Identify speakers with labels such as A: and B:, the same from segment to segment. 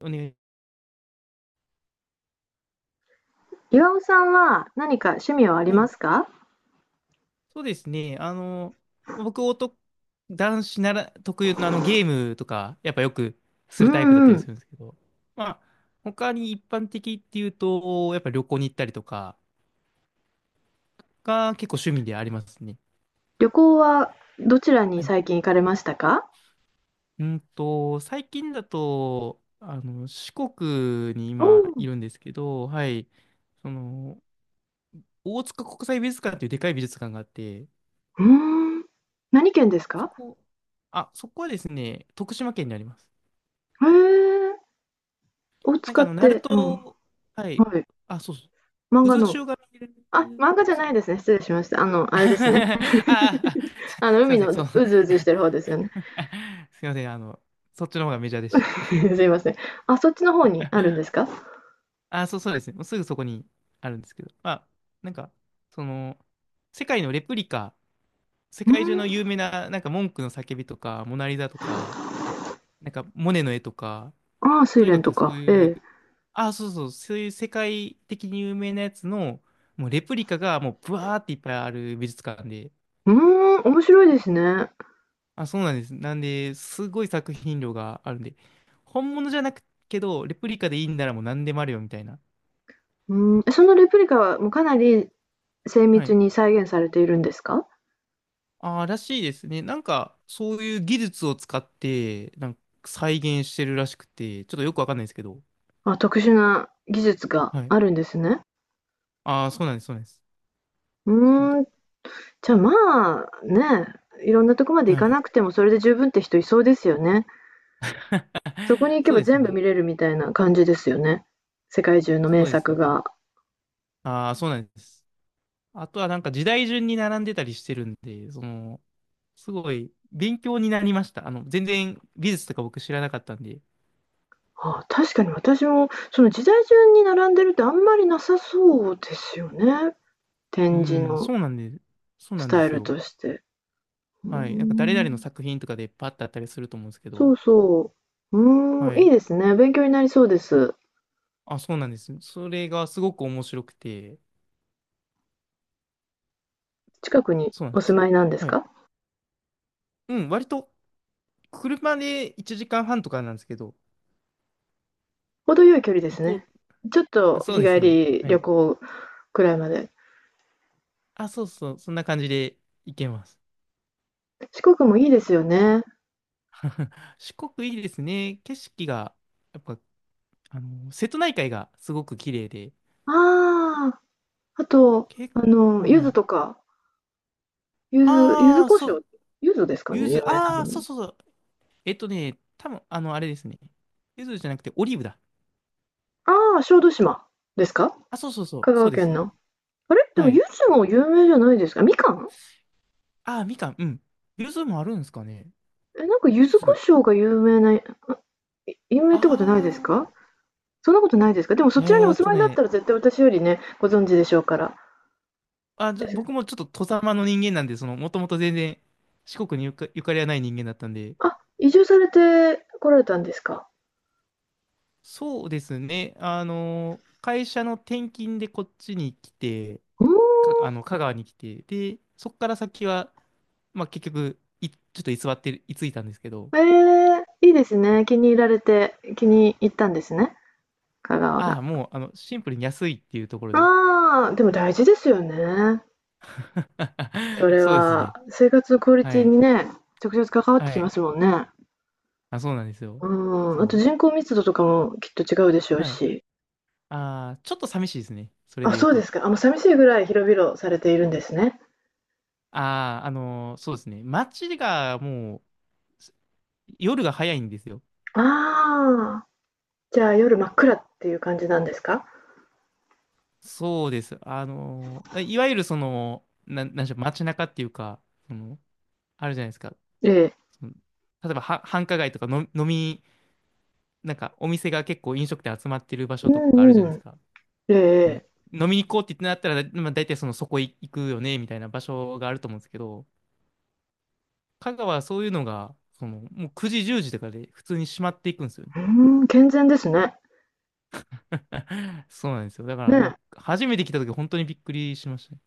A: お願い。
B: 岩尾さんは何か趣味はあり
A: は
B: ま
A: い。
B: すか？
A: そうですね。僕、男、男子なら特有のゲームとか、やっぱよくす
B: う
A: るタイプだっ
B: ん
A: た
B: う
A: りす
B: ん。
A: るんですけど、まあ、他に一般的っていうと、やっぱ旅行に行ったりとかが結構趣味でありますね。
B: 旅行はどちらに
A: はい。
B: 最近行かれましたか？
A: 最近だと、四国に
B: お
A: 今
B: ー、
A: いるんですけど、はい。その、大塚国際美術館っていうでかい美術館があって、
B: うーん。何県です
A: そ
B: か？
A: こ、あ、そこはですね、徳島県にあります。
B: へえ。を使っ
A: ナル
B: て、うん。
A: ト、はい。
B: はい。
A: あ、そうそ
B: 漫
A: う。
B: 画
A: 渦
B: の。
A: 潮が見え
B: あ、
A: る。
B: 漫画じゃ
A: そ
B: ない
A: う。
B: ですね。失礼しました。あ
A: あ
B: れですね。
A: あ、あ、 すい
B: 海
A: ませ
B: の
A: ん。そう。す
B: うずうずしてる方ですよね。
A: いません。そっちの方がメジャーでし た。
B: すいません。あ、そっちの方にあるんです か？
A: あ、そうですね。もうすぐそこにあるんですけど。まあ、なんか、その、世界のレプリカ、世
B: うー
A: 界中の有
B: ん。
A: 名な、文句の叫びとか、モナリザとか、モネの絵とか、
B: ああ、睡
A: とに
B: 蓮
A: か
B: と
A: くそう
B: か。
A: い
B: ええ。
A: う、あ、そうそう、そういう世界的に有名なやつの、もうレプリカがもうブワーっていっぱいある美術館で、
B: うーん、面白いですね。
A: あ、そうなんです。なんで、すごい作品量があるんで、本物じゃなくけど、レプリカでいいんならもう何でもあるよみたいな。
B: うーん、そのレプリカはもうかなり精
A: は
B: 密
A: い。
B: に再現されているんですか？
A: ああらしいですね。そういう技術を使って、再現してるらしくて、ちょっとよくわかんないですけど。
B: あ、特殊な技術が
A: はい。
B: あるんですね。
A: ああそうなんです、そうなんです。
B: う
A: そう
B: ーん、じゃ、あ、まあ、ね、いろんなとこまで行
A: は
B: か
A: い。
B: なくてもそれで十分って人いそうですよね。そこに行 け
A: そう
B: ば
A: です
B: 全部
A: ね。
B: 見れるみたいな感じですよね。世界中の
A: そ
B: 名
A: うです
B: 作
A: ね。
B: が。
A: ああ、そうなんです。あとは時代順に並んでたりしてるんで、すごい勉強になりました。全然美術とか僕知らなかったんで。
B: ああ、確かに私もその時代順に並んでるってあんまりなさそうですよね、
A: う
B: 展示
A: ん、
B: の
A: そうなんで、そう
B: ス
A: なんで
B: タイ
A: す
B: ル
A: よ。
B: として。うー
A: はい。誰々の
B: ん、
A: 作品とかでパッとあったりすると思うんですけ
B: そ
A: ど、
B: うそう。うー
A: は
B: ん、いい
A: い。
B: ですね、勉強になりそうです。
A: あ、そうなんですよ。それがすごく面白くて、
B: 近くに
A: そうなん
B: お
A: です
B: 住
A: よ
B: ま
A: ね。
B: いなんです
A: はい。
B: か？
A: うん、割と車で1時間半とかなんですけど、
B: 程よい距離で
A: 行
B: す
A: こ
B: ね。ちょっ
A: う。
B: と
A: そう
B: 日
A: で
B: 帰
A: すね。
B: り
A: は
B: 旅
A: い。
B: 行くらいまで。
A: あ、そうそう、そんな感じで行けます。
B: 四国もいいですよね。
A: 四国いいですね。景色が、やっぱ、瀬戸内海がすごく綺麗で、
B: ああ、あと、
A: 結
B: あ
A: 構、
B: の、柚
A: は
B: 子
A: い。
B: とか、柚子、柚子
A: ああ、
B: 胡
A: そ
B: 椒、
A: う、
B: 柚子ですかね、
A: ゆ
B: 有
A: ず、
B: 名な
A: あ
B: の
A: あ、そう
B: に。
A: そうそう。多分あれですね。ゆずじゃなくて、オリーブだ。
B: ああ、小豆島ですか？
A: あ、そうそうそう、
B: 香
A: そう
B: 川
A: で
B: 県
A: す。
B: の。あれ、でも
A: はい。
B: 柚子も有名じゃないですか？みかん？
A: ああ、みかん、うん。ゆずもあるんですかね。
B: え、なんか柚
A: ゆ
B: 子胡
A: ず、
B: 椒が有名な、有名って
A: あ
B: ことないですか？そんなことないですか？でもそ
A: あ、
B: ちらにお住まいだったら絶対私よりね、ご存知でしょうから。
A: あ、僕もちょっと、外様の人間なんで、もともと全然、四国にゆかりはない人間だったんで、
B: あ、移住されて来られたんですか？
A: そうですね。会社の転勤でこっちに来て、
B: うん。
A: か、あの、香川に来て、で、そこから先は、まあ、結局、ちょっと居座ってる、居ついたんですけど、
B: ええ、いいですね。気に入ったんですね、香川
A: ああ、
B: が。
A: もう、シンプルに安いっていうところで。
B: ああ、でも大事ですよね。そ れ
A: そうです
B: は、
A: ね。
B: 生活のクオリ
A: は
B: ティ
A: い。
B: にね、直接関わっ
A: は
B: てきま
A: い。
B: すもんね。
A: あ、そうなんですよ。
B: うん、あと
A: そ
B: 人口密度とかもきっと違うでしょう
A: う。はい。
B: し。
A: ああ、ちょっと寂しいですね。それ
B: あ、
A: で言う
B: そうで
A: と。
B: すか。あ、もう寂しいぐらい広々されているんですね。
A: ああ、そうですね。街がもう、夜が早いんですよ。
B: ああ、じゃあ夜真っ暗っていう感じなんですか？
A: そうです。いわゆるその、なんでしょう、街中っていうか、その、あるじゃないですか。
B: ええ。
A: その、例えばは、繁華街とかの、お店が結構飲食店集まってる場
B: う
A: 所とかあるじゃ
B: ん
A: ない
B: う
A: です
B: ん。
A: か。そ
B: え
A: の
B: え、
A: 飲みに行こうって言ってなったら、まあ、大体そのそこ行くよね、みたいな場所があると思うんですけど、香川はそういうのが、もう9時、10時とかで普通に閉まっていくんですよね。
B: うん、健全ですね。
A: そうなんですよ。だか
B: ね
A: ら、
B: え。
A: 初めて来た時本当にびっくりしましたね。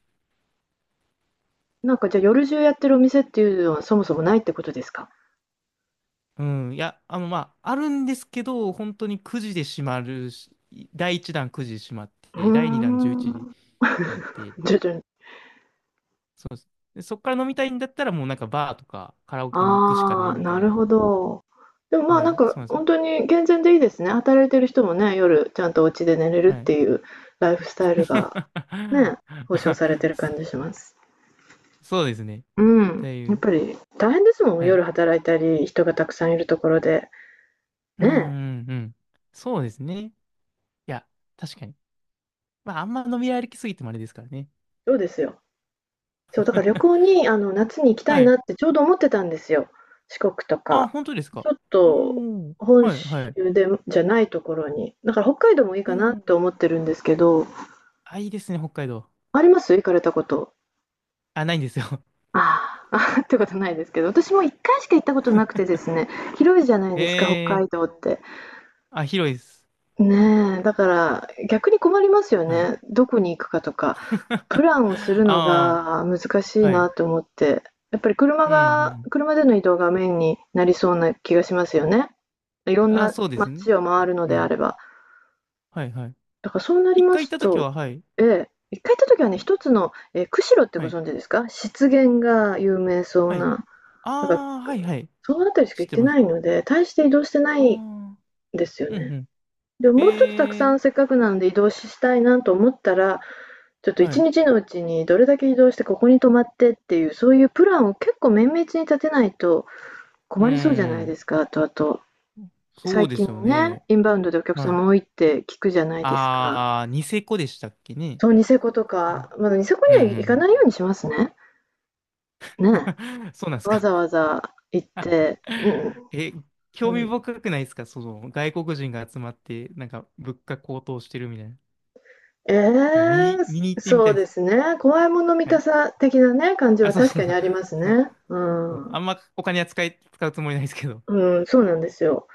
B: なんかじゃあ夜中やってるお店っていうのはそもそもないってことですか？
A: うん、いや、あるんですけど、本当に9時で閉まるし、第1弾9時で閉まっ
B: うー
A: て、第2弾11時
B: ん。
A: で閉まって、
B: 徐々に。
A: そうです。で、そっから飲みたいんだったら、もうバーとかカラオケに行くしかな
B: あ
A: い
B: あ、
A: みた
B: な
A: い
B: る
A: な。
B: ほど。でもまあ、
A: は
B: なん
A: い、
B: か
A: そうなんですよ。
B: 本当に健全でいいですね。働いてる人もね、夜ちゃんとお家で寝れるっ
A: はい。
B: ていうライフスタイルがね、保障さ れてる感じします。
A: そうですね。
B: うん、
A: だい
B: やっ
A: ぶ。
B: ぱり大変ですもん、
A: はい。
B: 夜働いたり、人がたくさんいるところで。
A: うん、
B: ねえ、
A: うん、うん。そうですね。いや、確かに。まあ、あんま飲み歩きすぎてもあれですからね。
B: そうですよ。そう、だから旅行 に、あの、夏に行きたい
A: は
B: な
A: い。
B: ってちょうど思ってたんですよ。四国と
A: あ、
B: か。
A: 本当です
B: ち
A: か。
B: ょっ
A: う
B: と
A: ん。
B: 本
A: はい、
B: 州
A: はい。
B: でじゃないところに。だから北海道もいい
A: う
B: かなっ
A: ん。
B: て思ってるんですけど、
A: あ、いいですね、北海道。
B: あります、行かれたこと。
A: あ、ないんですよ。
B: あーあー、ああってことないですけど、私も1回しか行ったことなくてですね、広いじゃないですか、北
A: ええ
B: 海道って。
A: あ、広いです。
B: ねえ、だから逆に困りますよ
A: はい。
B: ね。どこに行くかとか、プ ランをするの
A: あ
B: が難し
A: あ、
B: い
A: は
B: な
A: い。
B: と思って、やっぱり
A: うん、うん。
B: 車での移動がメインになりそうな気がしますよね。いろん
A: あ、
B: な
A: そうですね。
B: 街を回るの
A: う
B: であ
A: ん。
B: れば。
A: はい、はい。
B: だからそうなり
A: 一
B: ま
A: 回行っ
B: す
A: た時
B: と、
A: は、はい。
B: ええ、一回行った時はね、一つの、ええ、釧路ってご
A: はい。
B: 存知ですか？湿原が有名そう
A: は
B: な、
A: い。
B: なんか
A: あ
B: ら、
A: あ、はい、はい。
B: その辺りしか
A: 知っ
B: 行っ
A: て
B: て
A: ま
B: な
A: す。
B: いので、大して移動してな
A: あ
B: いん
A: あ、
B: ですよ
A: うん、う
B: ね。
A: ん。
B: でも、もうちょっとたく
A: え
B: さ
A: え
B: んせっかくなので移動したいなと思ったら、ちょっと
A: は
B: 1
A: い。
B: 日のうちにどれだけ移動してここに泊まってっていう、そういうプランを結構綿密に立てないと
A: う
B: 困りそうじゃないで
A: ん。
B: すか。あとあと、
A: そ
B: 最
A: うで
B: 近
A: すよ
B: ね、
A: ね。
B: インバウンドでお客
A: はい。
B: 様多いって聞くじゃないですか。
A: ああ、ニセコでしたっけね。
B: そう、ニセコと
A: う
B: か、
A: ん、
B: まだニセコ
A: うん、うん。
B: には行
A: う
B: か
A: ん
B: ないようにしますね。ね。
A: そうなんです
B: わ
A: か。
B: ざわざ行って、うん、
A: え、興
B: う
A: 味
B: ん。
A: 深くないですかその外国人が集まって、物価高騰してるみたいな。
B: ええ、
A: え見に、見に行ってみた
B: そう
A: いで
B: で
A: す。
B: すね。怖いもの見
A: は
B: た
A: い。
B: さ的なね、感じ
A: あ、
B: は
A: そう
B: 確
A: そう
B: か
A: そ
B: に
A: う。
B: あります ね。う
A: そう
B: ん。
A: あんまお金は使うつもりないですけど。
B: うん、そうなんですよ。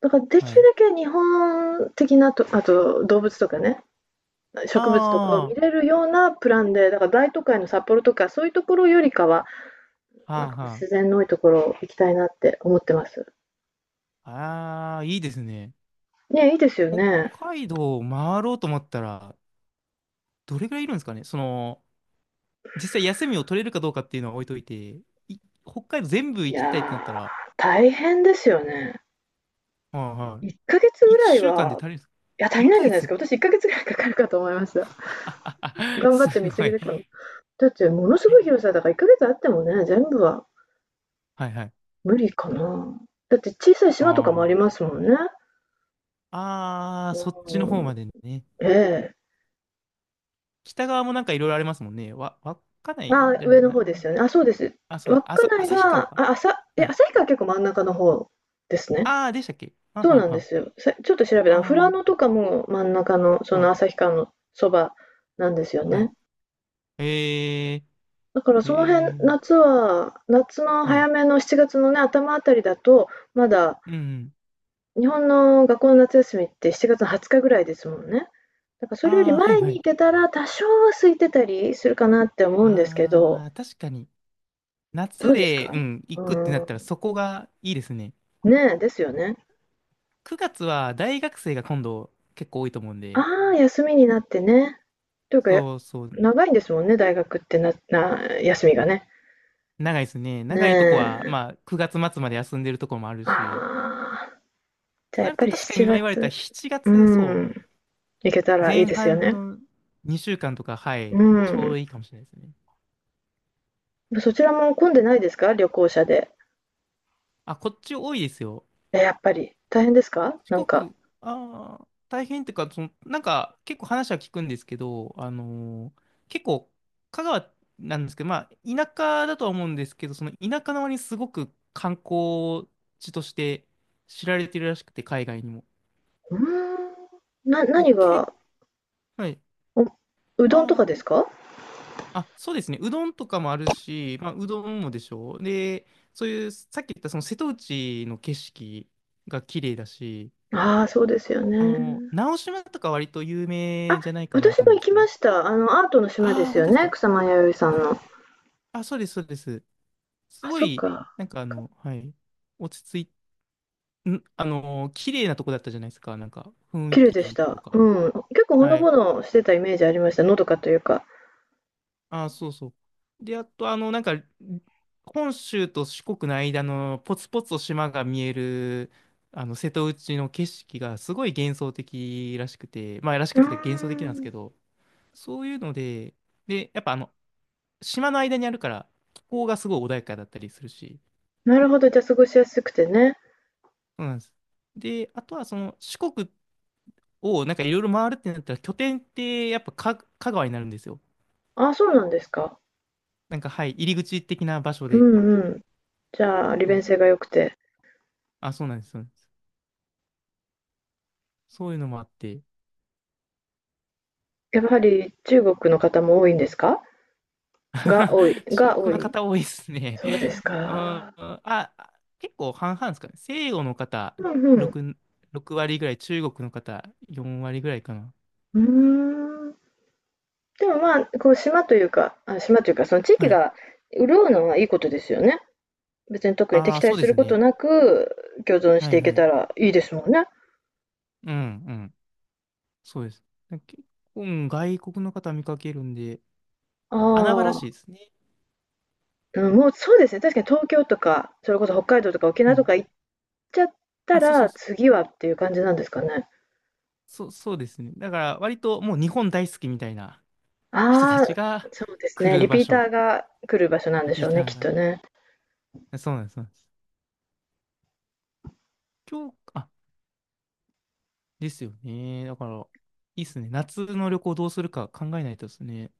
B: だからで
A: は
B: きる
A: い。
B: だけ日本的なと、あと動物とかね、
A: あ
B: 植物とかを
A: あ、
B: 見
A: は
B: れるようなプランで、だから大都会の札幌とかそういうところよりかは、なん
A: あ
B: か
A: は
B: 自然の多いところ行きたいなって思ってます。
A: あ。ああ、いいですね。
B: ね、いいですよ
A: 北
B: ね。
A: 海道を回ろうと思ったら、どれぐらいいるんですかねその、実際休みを取れるかどうかっていうのは置いといて、い北海道全部
B: い
A: 行きたいってなった
B: や
A: ら、
B: ー、大変ですよね。
A: はいは
B: 1ヶ月
A: い。
B: ぐらい
A: 1週間で
B: は、
A: 足りるんですか
B: いや、足
A: 1
B: りないんじゃ
A: ヶ
B: ないですか。
A: 月
B: 私1ヶ月ぐらいかかるかと思いました。頑張っ
A: す
B: て見過
A: ご
B: ぎ
A: い。
B: でかも。だってものすごい広さだから1ヶ月あってもね、全部は
A: はいはい。
B: 無理かな。だって小さい島とかもあり
A: あ
B: ます
A: あ。
B: もんね。
A: ああ、そっちの
B: う
A: 方
B: ん、
A: までね。
B: ええ。
A: 北側もいろいろありますもんね。わかないん
B: あ、
A: じゃな
B: 上
A: い
B: の
A: な。
B: 方ですよね。あ、そうです。
A: あ、そうだ。
B: 稚内
A: 旭川
B: が、
A: か。
B: え、
A: はい。
B: 旭川結構真ん中の方ですね。
A: ああ、でしたっけはん
B: そう
A: はん
B: なん
A: は
B: で
A: ん。
B: すよ。ちょっと調べたら、富良
A: あ
B: 野とかも真ん中の、そ
A: あ、は
B: の
A: ん。
B: 旭川のそばなんですよ
A: はい。
B: ね。
A: えー、
B: だから
A: え
B: その辺、
A: ー、
B: 夏の
A: は
B: 早
A: い。
B: めの7月のね、頭あたりだと、まだ
A: うんうん。
B: 日本の学校の夏休みって7月の20日ぐらいですもんね。だからそれより
A: ああ、はい
B: 前
A: は
B: に行
A: い。
B: けたら、多少は空いてたりするかなって思うんですけ
A: あ
B: ど、
A: あ、確かに。
B: ど
A: 夏
B: うです
A: で、う
B: か？
A: ん、行くってなったら
B: う
A: そこがいいですね。
B: ーん。ねえ、ですよね。
A: 9月は大学生が今度結構多いと思うんで。
B: ああ、休みになってね。というか、や
A: そうそう。
B: 長いんですもんね、大学って休みがね。
A: 長いですね。
B: ね
A: 長いとこは、
B: え。
A: まあ、9月末まで休んでるとこもある
B: あ
A: し、
B: あ、じ
A: と
B: ゃあや
A: な
B: っ
A: る
B: ぱ
A: と
B: り
A: 確かに
B: 7
A: 今言われた
B: 月、
A: 7
B: うー
A: 月、そ
B: ん、行けた
A: う、
B: らいい
A: 前
B: ですよ
A: 半
B: ね。
A: の2週間とか、は
B: う
A: い、ちょう
B: ん。
A: どいいかもしれないですね。
B: そちらも混んでないですか？旅行者で。
A: あ、こっち多いですよ。
B: え、やっぱり。大変ですか？
A: 四
B: なんか。
A: 国、ああ、大変っていうか、結構話は聞くんですけど、結構、香川なんですけど、まあ、田舎だとは思うんですけど、その田舎の割にすごく観光地として知られてるらしくて、海外にも。
B: うーん。何
A: 結
B: が、
A: 構、はい。
B: おうどんとか
A: あ
B: です
A: あ。
B: か？
A: あ、そうですね。うどんとかもあるし、まあ、うどんもでしょう。で、そういう、さっき言ったその瀬戸内の景色が綺麗だし、
B: ああー、そうですよね。
A: 直島とか割と有
B: あ、
A: 名じゃないかな
B: 私
A: と
B: も
A: 思う
B: 行
A: んです
B: き
A: けど。
B: ました。あの、アートの島で
A: ああ、
B: す
A: 本
B: よ
A: 当です
B: ね、
A: か。
B: 草間彌生さん
A: うん
B: の。
A: あ、そうです、そうです。す
B: あ、
A: ご
B: そっ
A: い、
B: か。か
A: はい、落ち着い、ん、あの、綺麗なとこだったじゃないですか。雰囲
B: 綺麗でし
A: 気と
B: た。う
A: か。
B: ん。結構ほの
A: は
B: ぼ
A: い。
B: のしてたイメージありました。のどかというか。
A: ああ、そうそう。で、あと、本州と四国の間のポツポツと島が見える、瀬戸内の景色がすごい幻想的らしくて、まあ、らし
B: う
A: く
B: ー
A: て幻想的なんです
B: ん。
A: けど、そういうので、で、やっぱ島の間にあるから、気候がすごい穏やかだったりするし、
B: なるほど、じゃ、過ごしやすくてね。
A: そうなんです。で、あとはその、四国をいろいろ回るってなったら、拠点ってやっぱ香川になるんですよ。
B: ああ、そうなんですか。
A: なんか、はい、入り口的な場所
B: う
A: で。
B: んうん。じゃあ、利
A: そ
B: 便性
A: う、
B: が良くて。
A: あ、そうなんです。そうなんですそういうのもあって。
B: やはり中国の方も多いんですか？
A: 中
B: が多
A: 国の
B: い？
A: 方多いですね。
B: そうです
A: うん、
B: か。
A: あ、結構半々ですかね。西洋の方
B: うんうん。
A: 6、6割ぐらい、中国の方4割ぐらいかな。
B: うーん。でも、まあ、こう島というか、あ、島というか、その地域
A: はい。
B: が潤うのはいいことですよね。別に特に
A: あ
B: 敵
A: あ、
B: 対
A: そうで
B: する
A: す
B: こと
A: ね。
B: なく、共存し
A: は
B: て
A: い
B: いけ
A: は
B: た
A: い。
B: らいいですもんね。
A: うんうん。そうです。結構、うん外国の方見かけるんで、
B: あ
A: 穴場らしいで
B: あ、
A: すね。
B: うん、もうそうですね、確かに東京とか、それこそ北海道とか沖
A: う
B: 縄と
A: ん。
B: か行っちゃった
A: あ、そうそう
B: ら、
A: そう。
B: 次はっていう感じなんですかね。
A: そう、そうですね。だから、割ともう日本大好きみたいな人た
B: ああ、
A: ちが
B: そうです
A: 来
B: ね、
A: る
B: リ
A: 場
B: ピータ
A: 所。
B: ーが来る場所なん
A: リ
B: でし
A: ピ
B: ょ
A: ー
B: う
A: タ
B: ね、
A: ー
B: きっと
A: が。
B: ね。
A: そうなんです。そうなんです。今日、あ、ですよね。だから、いいっすね。夏の旅行どうするか考えないとですね。